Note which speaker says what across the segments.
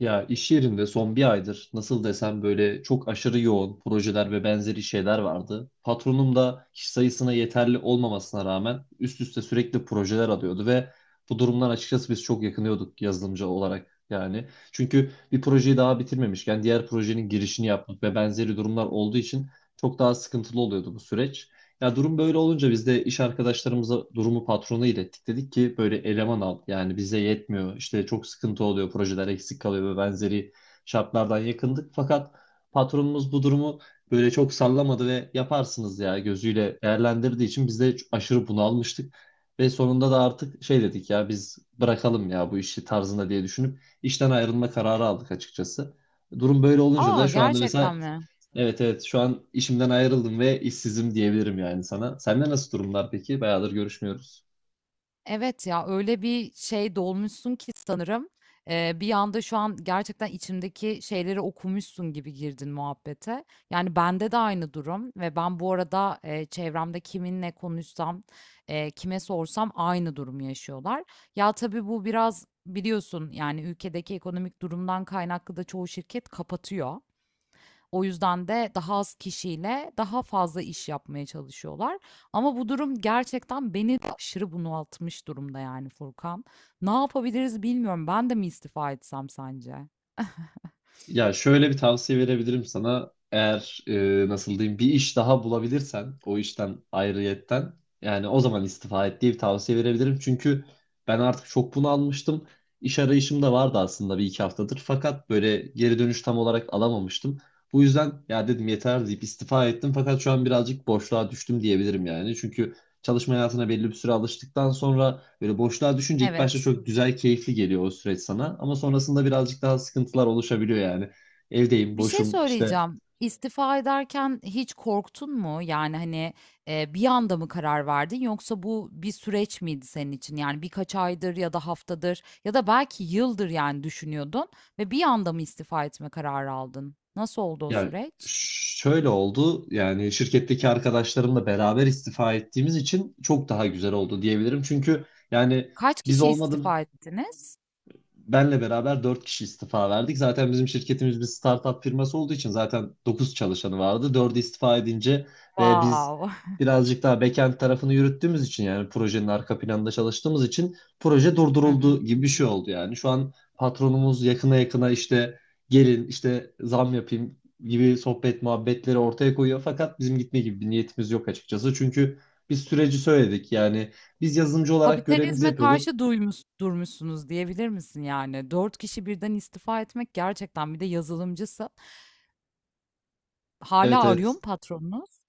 Speaker 1: Ya iş yerinde son bir aydır nasıl desem böyle çok aşırı yoğun projeler ve benzeri şeyler vardı. Patronum da kişi sayısına yeterli olmamasına rağmen üst üste sürekli projeler alıyordu ve bu durumdan açıkçası biz çok yakınıyorduk yazılımcı olarak yani. Çünkü bir projeyi daha bitirmemişken diğer projenin girişini yapmak ve benzeri durumlar olduğu için çok daha sıkıntılı oluyordu bu süreç. Ya durum böyle olunca biz de iş arkadaşlarımıza durumu patrona ilettik. Dedik ki böyle eleman al. Yani bize yetmiyor. İşte çok sıkıntı oluyor. Projeler eksik kalıyor ve benzeri şartlardan yakındık. Fakat patronumuz bu durumu böyle çok sallamadı ve yaparsınız ya gözüyle değerlendirdiği için biz de aşırı bunalmıştık. Ve sonunda da artık şey dedik ya biz bırakalım ya bu işi tarzında diye düşünüp işten ayrılma kararı aldık açıkçası. Durum böyle olunca da
Speaker 2: Aa,
Speaker 1: şu anda mesela.
Speaker 2: gerçekten mi?
Speaker 1: Evet, evet, şu an işimden ayrıldım ve işsizim diyebilirim yani sana. Sende nasıl durumlar peki? Bayağıdır görüşmüyoruz.
Speaker 2: Evet ya, öyle bir şey dolmuşsun ki sanırım bir anda şu an gerçekten içimdeki şeyleri okumuşsun gibi girdin muhabbete. Yani bende de aynı durum ve ben bu arada çevremde kiminle konuşsam, kime sorsam aynı durumu yaşıyorlar. Ya tabii bu biraz biliyorsun yani ülkedeki ekonomik durumdan kaynaklı da çoğu şirket kapatıyor. O yüzden de daha az kişiyle daha fazla iş yapmaya çalışıyorlar. Ama bu durum gerçekten beni de aşırı bunaltmış durumda yani Furkan. Ne yapabiliriz bilmiyorum. Ben de mi istifa etsem sence?
Speaker 1: Ya şöyle bir tavsiye verebilirim sana. Eğer nasıl diyeyim bir iş daha bulabilirsen o işten ayrıyetten yani o zaman istifa et diye bir tavsiye verebilirim. Çünkü ben artık çok bunu almıştım. İş arayışım da vardı aslında bir iki haftadır. Fakat böyle geri dönüş tam olarak alamamıştım. Bu yüzden ya dedim yeter deyip istifa ettim. Fakat şu an birazcık boşluğa düştüm diyebilirim yani. Çünkü çalışma hayatına belli bir süre alıştıktan sonra böyle boşluğa düşünce ilk başta
Speaker 2: Evet.
Speaker 1: çok güzel, keyifli geliyor o süreç sana. Ama sonrasında birazcık daha sıkıntılar oluşabiliyor yani. Evdeyim,
Speaker 2: Bir şey
Speaker 1: boşum işte.
Speaker 2: söyleyeceğim. İstifa ederken hiç korktun mu? Yani, hani, bir anda mı karar verdin yoksa bu bir süreç miydi senin için? Yani birkaç aydır ya da haftadır ya da belki yıldır yani düşünüyordun ve bir anda mı istifa etme kararı aldın? Nasıl oldu o
Speaker 1: Ya
Speaker 2: süreç?
Speaker 1: şöyle oldu yani şirketteki arkadaşlarımla beraber istifa ettiğimiz için çok daha güzel oldu diyebilirim. Çünkü yani
Speaker 2: Kaç
Speaker 1: biz
Speaker 2: kişi
Speaker 1: olmadı
Speaker 2: istifa ettiniz?
Speaker 1: benle beraber 4 kişi istifa verdik. Zaten bizim şirketimiz bir startup firması olduğu için zaten 9 çalışanı vardı. 4'ü istifa edince ve biz
Speaker 2: Wow.
Speaker 1: birazcık daha backend tarafını yürüttüğümüz için yani projenin arka planında çalıştığımız için proje
Speaker 2: Hı
Speaker 1: durduruldu
Speaker 2: hı.
Speaker 1: gibi bir şey oldu yani. Şu an patronumuz yakına yakına işte gelin işte zam yapayım gibi sohbet muhabbetleri ortaya koyuyor. Fakat bizim gitme gibi bir niyetimiz yok açıkçası. Çünkü biz süreci söyledik yani biz yazılımcı olarak görevimizi
Speaker 2: Kapitalizme
Speaker 1: yapıyorduk.
Speaker 2: karşı duymuş durmuşsunuz diyebilir misin yani? 4 kişi birden istifa etmek gerçekten, bir de yazılımcısın.
Speaker 1: Evet,
Speaker 2: Hala arıyor
Speaker 1: evet.
Speaker 2: mu patronunuz?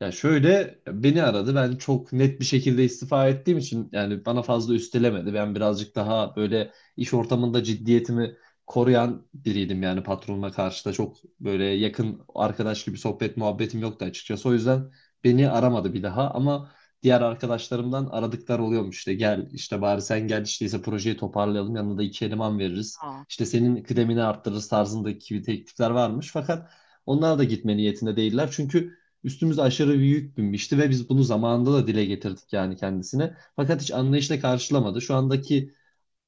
Speaker 1: Ya şöyle beni aradı. Ben çok net bir şekilde istifa ettiğim için yani bana fazla üstelemedi. Ben birazcık daha böyle iş ortamında ciddiyetimi koruyan biriydim yani patronuma karşı da çok böyle yakın arkadaş gibi sohbet muhabbetim yoktu açıkçası. O yüzden beni aramadı bir daha ama diğer arkadaşlarımdan aradıklar oluyormuş işte gel işte bari sen gel işte ise projeyi toparlayalım yanına da iki eleman veririz.
Speaker 2: A!
Speaker 1: İşte senin kıdemini arttırırız tarzındaki teklifler varmış fakat onlar da gitme niyetinde değiller çünkü üstümüze aşırı bir yük binmişti ve biz bunu zamanında da dile getirdik yani kendisine. Fakat hiç anlayışla karşılamadı. Şu andaki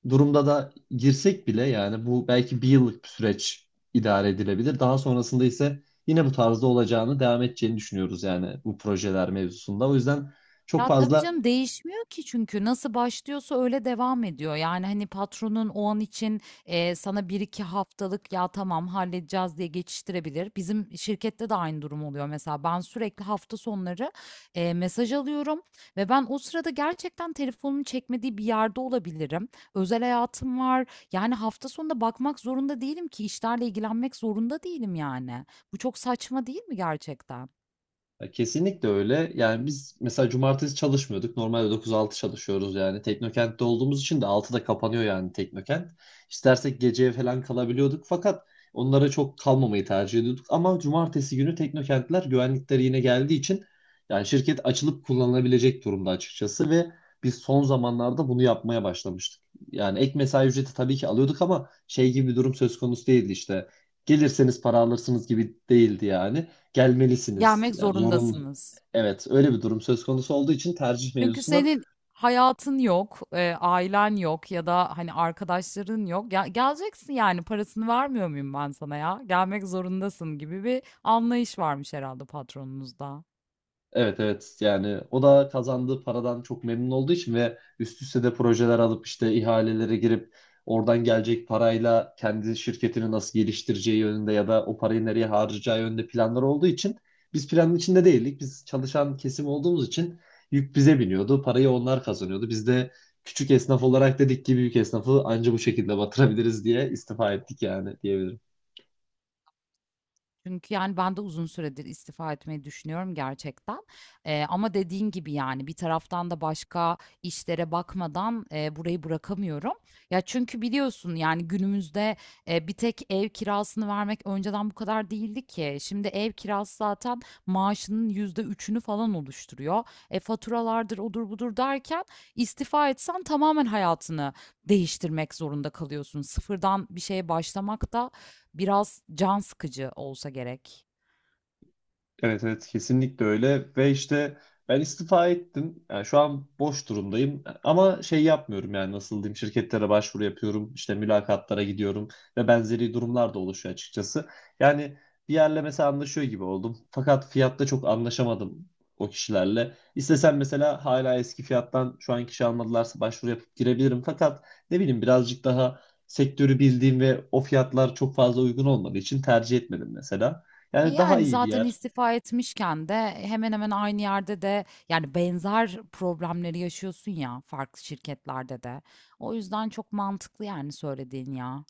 Speaker 1: durumda da girsek bile yani bu belki bir yıllık bir süreç idare edilebilir. Daha sonrasında ise yine bu tarzda olacağını, devam edeceğini düşünüyoruz yani bu projeler mevzusunda. O yüzden çok
Speaker 2: Ya, tabii
Speaker 1: fazla.
Speaker 2: canım, değişmiyor ki çünkü nasıl başlıyorsa öyle devam ediyor. Yani, hani, patronun o an için, sana bir iki haftalık "Ya, tamam, halledeceğiz." diye geçiştirebilir. Bizim şirkette de aynı durum oluyor mesela. Ben sürekli hafta sonları, mesaj alıyorum ve ben o sırada gerçekten telefonumun çekmediği bir yerde olabilirim. Özel hayatım var. Yani, hafta sonunda bakmak zorunda değilim ki, işlerle ilgilenmek zorunda değilim, yani. Bu çok saçma değil mi gerçekten?
Speaker 1: Ya kesinlikle öyle. Yani biz mesela cumartesi çalışmıyorduk. Normalde 9-6 çalışıyoruz yani. Teknokent'te olduğumuz için de 6'da kapanıyor yani Teknokent. İstersek geceye falan kalabiliyorduk. Fakat onlara çok kalmamayı tercih ediyorduk. Ama cumartesi günü Teknokentler güvenlikleri yine geldiği için yani şirket açılıp kullanılabilecek durumda açıkçası ve biz son zamanlarda bunu yapmaya başlamıştık. Yani ek mesai ücreti tabii ki alıyorduk ama şey gibi bir durum söz konusu değildi işte. Gelirseniz para alırsınız gibi değildi yani, gelmelisiniz.
Speaker 2: Gelmek
Speaker 1: Yani zorunlu.
Speaker 2: zorundasınız.
Speaker 1: Evet, öyle bir durum söz konusu olduğu için tercih
Speaker 2: Çünkü
Speaker 1: mevzusuna
Speaker 2: senin hayatın yok, ailen yok ya da hani arkadaşların yok. Ya, geleceksin yani, parasını vermiyor muyum ben sana ya? Gelmek zorundasın gibi bir anlayış varmış herhalde patronunuzda.
Speaker 1: evet, evet yani o da kazandığı paradan çok memnun olduğu için ve üst üste de projeler alıp işte ihalelere girip oradan gelecek parayla kendi şirketini nasıl geliştireceği yönünde ya da o parayı nereye harcayacağı yönünde planlar olduğu için biz planın içinde değildik. Biz çalışan kesim olduğumuz için yük bize biniyordu. Parayı onlar kazanıyordu. Biz de küçük esnaf olarak dedik ki büyük esnafı anca bu şekilde batırabiliriz diye istifa ettik yani diyebilirim.
Speaker 2: Çünkü yani ben de uzun süredir istifa etmeyi düşünüyorum gerçekten. Ama dediğin gibi yani bir taraftan da başka işlere bakmadan burayı bırakamıyorum. Ya çünkü biliyorsun yani günümüzde bir tek ev kirasını vermek önceden bu kadar değildi ki. Şimdi ev kirası zaten maaşının %3'ünü falan oluşturuyor. E, faturalardır odur budur derken istifa etsen tamamen hayatını değiştirmek zorunda kalıyorsun. Sıfırdan bir şeye başlamak da biraz can sıkıcı olsa gerek.
Speaker 1: Evet, evet, kesinlikle öyle ve işte ben istifa ettim. Yani şu an boş durumdayım ama şey yapmıyorum yani nasıl diyeyim şirketlere başvuru yapıyorum işte mülakatlara gidiyorum ve benzeri durumlar da oluşuyor açıkçası. Yani bir yerle mesela anlaşıyor gibi oldum fakat fiyatta çok anlaşamadım o kişilerle. İstesem mesela hala eski fiyattan şu an kişi almadılarsa başvuru yapıp girebilirim fakat ne bileyim birazcık daha sektörü bildiğim ve o fiyatlar çok fazla uygun olmadığı için tercih etmedim mesela.
Speaker 2: E,
Speaker 1: Yani daha
Speaker 2: yani
Speaker 1: iyi bir
Speaker 2: zaten
Speaker 1: yer.
Speaker 2: istifa etmişken de hemen hemen aynı yerde de yani benzer problemleri yaşıyorsun ya, farklı şirketlerde de. O yüzden çok mantıklı yani söylediğin ya.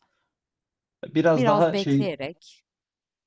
Speaker 1: Biraz
Speaker 2: Biraz
Speaker 1: daha şey,
Speaker 2: bekleyerek.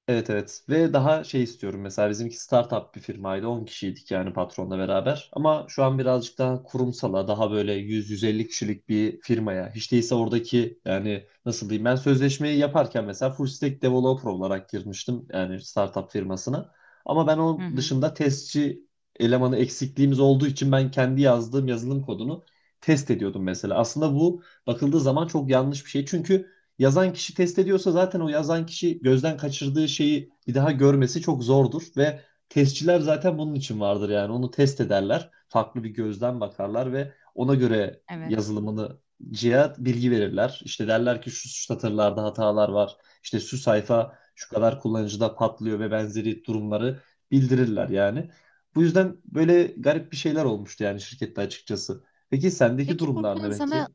Speaker 1: evet, evet ve daha şey istiyorum mesela, bizimki startup bir firmaydı, 10 kişiydik yani patronla beraber, ama şu an birazcık daha kurumsala, daha böyle 100-150 kişilik bir firmaya hiç değilse. Oradaki yani nasıl diyeyim, ben sözleşmeyi yaparken mesela full stack developer olarak girmiştim yani startup firmasına, ama ben
Speaker 2: Hı
Speaker 1: onun
Speaker 2: hı.
Speaker 1: dışında testçi elemanı eksikliğimiz olduğu için ben kendi yazdığım yazılım kodunu test ediyordum mesela. Aslında bu bakıldığı zaman çok yanlış bir şey çünkü yazan kişi test ediyorsa zaten o yazan kişi gözden kaçırdığı şeyi bir daha görmesi çok zordur ve testçiler zaten bunun için vardır yani, onu test ederler. Farklı bir gözden bakarlar ve ona göre
Speaker 2: Evet.
Speaker 1: yazılımını cihaz bilgi verirler. İşte derler ki şu satırlarda hatalar var. İşte şu sayfa şu kadar kullanıcıda patlıyor ve benzeri durumları bildirirler yani. Bu yüzden böyle garip bir şeyler olmuştu yani şirkette açıkçası. Peki sendeki
Speaker 2: Peki
Speaker 1: durumlar
Speaker 2: Furkan,
Speaker 1: ne
Speaker 2: sana...
Speaker 1: peki?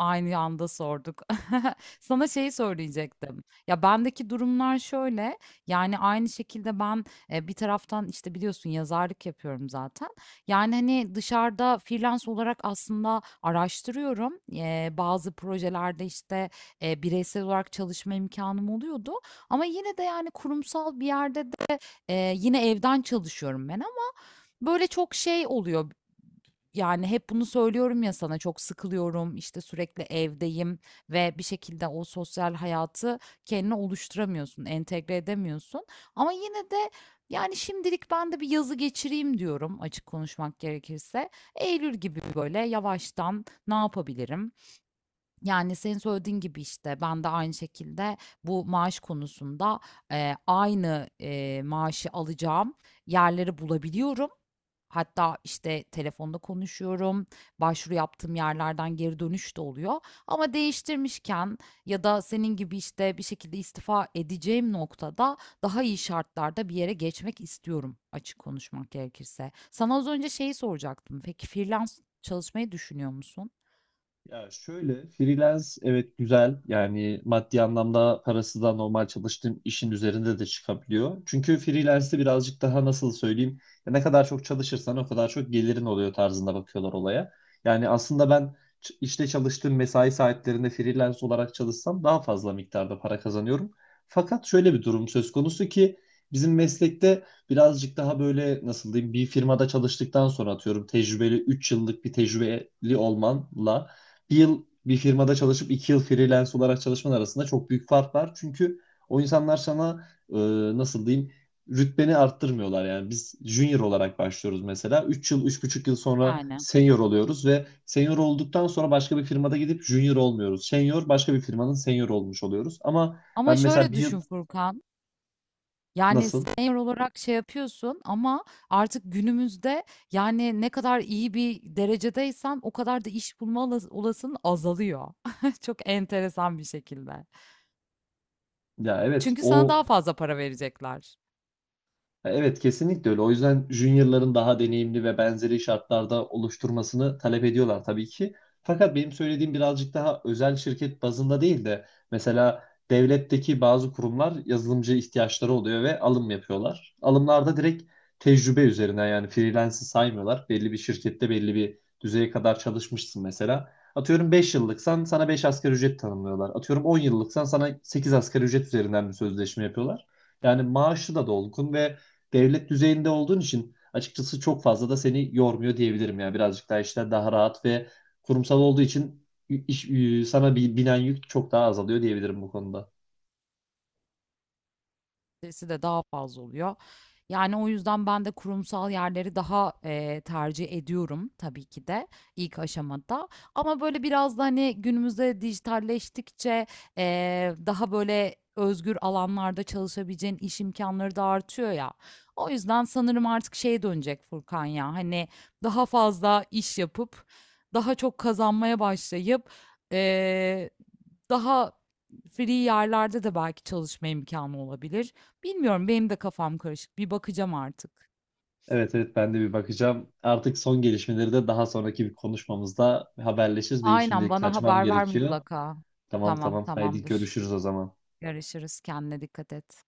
Speaker 2: Aynı anda sorduk. Sana şeyi söyleyecektim. Ya, bendeki durumlar şöyle, yani, aynı şekilde ben, bir taraftan, işte, biliyorsun yazarlık yapıyorum zaten. Yani, hani, dışarıda freelance olarak aslında araştırıyorum. Bazı projelerde, işte, bireysel olarak çalışma imkanım oluyordu ama yine de, yani, kurumsal bir yerde de, yine evden çalışıyorum ben, ama böyle çok şey oluyor yani. Hep bunu söylüyorum ya sana, çok sıkılıyorum işte, sürekli evdeyim ve bir şekilde o sosyal hayatı kendine oluşturamıyorsun, entegre edemiyorsun. Ama yine de yani şimdilik ben de bir yazı geçireyim diyorum açık konuşmak gerekirse. Eylül gibi böyle yavaştan ne yapabilirim? Yani senin söylediğin gibi işte ben de aynı şekilde bu maaş konusunda aynı maaşı alacağım yerleri bulabiliyorum. Hatta işte telefonda konuşuyorum, başvuru yaptığım yerlerden geri dönüş de oluyor. Ama değiştirmişken ya da senin gibi işte bir şekilde istifa edeceğim noktada daha iyi şartlarda bir yere geçmek istiyorum açık konuşmak gerekirse. Sana az önce şeyi soracaktım. Peki freelance çalışmayı düşünüyor musun?
Speaker 1: Ya şöyle, freelance, evet güzel yani maddi anlamda parası da normal çalıştığım işin üzerinde de çıkabiliyor. Çünkü freelance'de birazcık daha nasıl söyleyeyim, ya ne kadar çok çalışırsan o kadar çok gelirin oluyor tarzında bakıyorlar olaya. Yani aslında ben işte çalıştığım mesai saatlerinde freelance olarak çalışsam daha fazla miktarda para kazanıyorum. Fakat şöyle bir durum söz konusu ki bizim meslekte birazcık daha böyle nasıl diyeyim, bir firmada çalıştıktan sonra atıyorum tecrübeli, 3 yıllık bir tecrübeli olmanla 1 yıl bir firmada çalışıp 2 yıl freelance olarak çalışman arasında çok büyük fark var. Çünkü o insanlar sana nasıl diyeyim, rütbeni arttırmıyorlar. Yani biz junior olarak başlıyoruz mesela. 3 yıl, 3,5 yıl sonra
Speaker 2: Yani.
Speaker 1: senior oluyoruz ve senior olduktan sonra başka bir firmada gidip junior olmuyoruz. Senior, başka bir firmanın senior olmuş oluyoruz. Ama
Speaker 2: Ama
Speaker 1: ben mesela
Speaker 2: şöyle
Speaker 1: bir yıl.
Speaker 2: düşün Furkan. Yani
Speaker 1: Nasıl?
Speaker 2: senior olarak şey yapıyorsun ama artık günümüzde yani ne kadar iyi bir derecedeysen o kadar da iş bulma olasılığın azalıyor. Çok enteresan bir şekilde.
Speaker 1: Ya evet,
Speaker 2: Çünkü sana
Speaker 1: o.
Speaker 2: daha fazla para verecekler.
Speaker 1: Evet kesinlikle öyle. O yüzden juniorların daha deneyimli ve benzeri şartlarda oluşturmasını talep ediyorlar tabii ki. Fakat benim söylediğim birazcık daha özel şirket bazında değil de mesela devletteki bazı kurumlar yazılımcı ihtiyaçları oluyor ve alım yapıyorlar. Alımlarda direkt tecrübe üzerinden yani, freelance'ı saymıyorlar. Belli bir şirkette belli bir düzeye kadar çalışmışsın mesela. Atıyorum 5 yıllıksan sana 5 asgari ücret tanımlıyorlar. Atıyorum 10 yıllıksan sana 8 asgari ücret üzerinden bir sözleşme yapıyorlar. Yani maaşı da dolgun ve devlet düzeyinde olduğun için açıkçası çok fazla da seni yormuyor diyebilirim ya. Birazcık daha işler daha rahat ve kurumsal olduğu için iş, sana bir binen yük çok daha azalıyor diyebilirim bu konuda.
Speaker 2: Stresi de daha fazla oluyor. Yani o yüzden ben de kurumsal yerleri daha tercih ediyorum tabii ki de ilk aşamada. Ama böyle biraz da hani günümüzde dijitalleştikçe daha böyle özgür alanlarda çalışabileceğin iş imkanları da artıyor ya. O yüzden sanırım artık şeye dönecek Furkan, ya hani daha fazla iş yapıp daha çok kazanmaya başlayıp, eee, daha free yerlerde de belki çalışma imkanı olabilir. Bilmiyorum, benim de kafam karışık. Bir bakacağım artık.
Speaker 1: Evet, evet, ben de bir bakacağım. Artık son gelişmeleri de daha sonraki bir konuşmamızda haberleşiriz. Benim
Speaker 2: Aynen,
Speaker 1: şimdi
Speaker 2: bana
Speaker 1: kaçmam
Speaker 2: haber ver
Speaker 1: gerekiyor.
Speaker 2: mutlaka.
Speaker 1: Tamam,
Speaker 2: Tamam,
Speaker 1: tamam, haydi
Speaker 2: tamamdır.
Speaker 1: görüşürüz o zaman.
Speaker 2: Görüşürüz. Kendine dikkat et.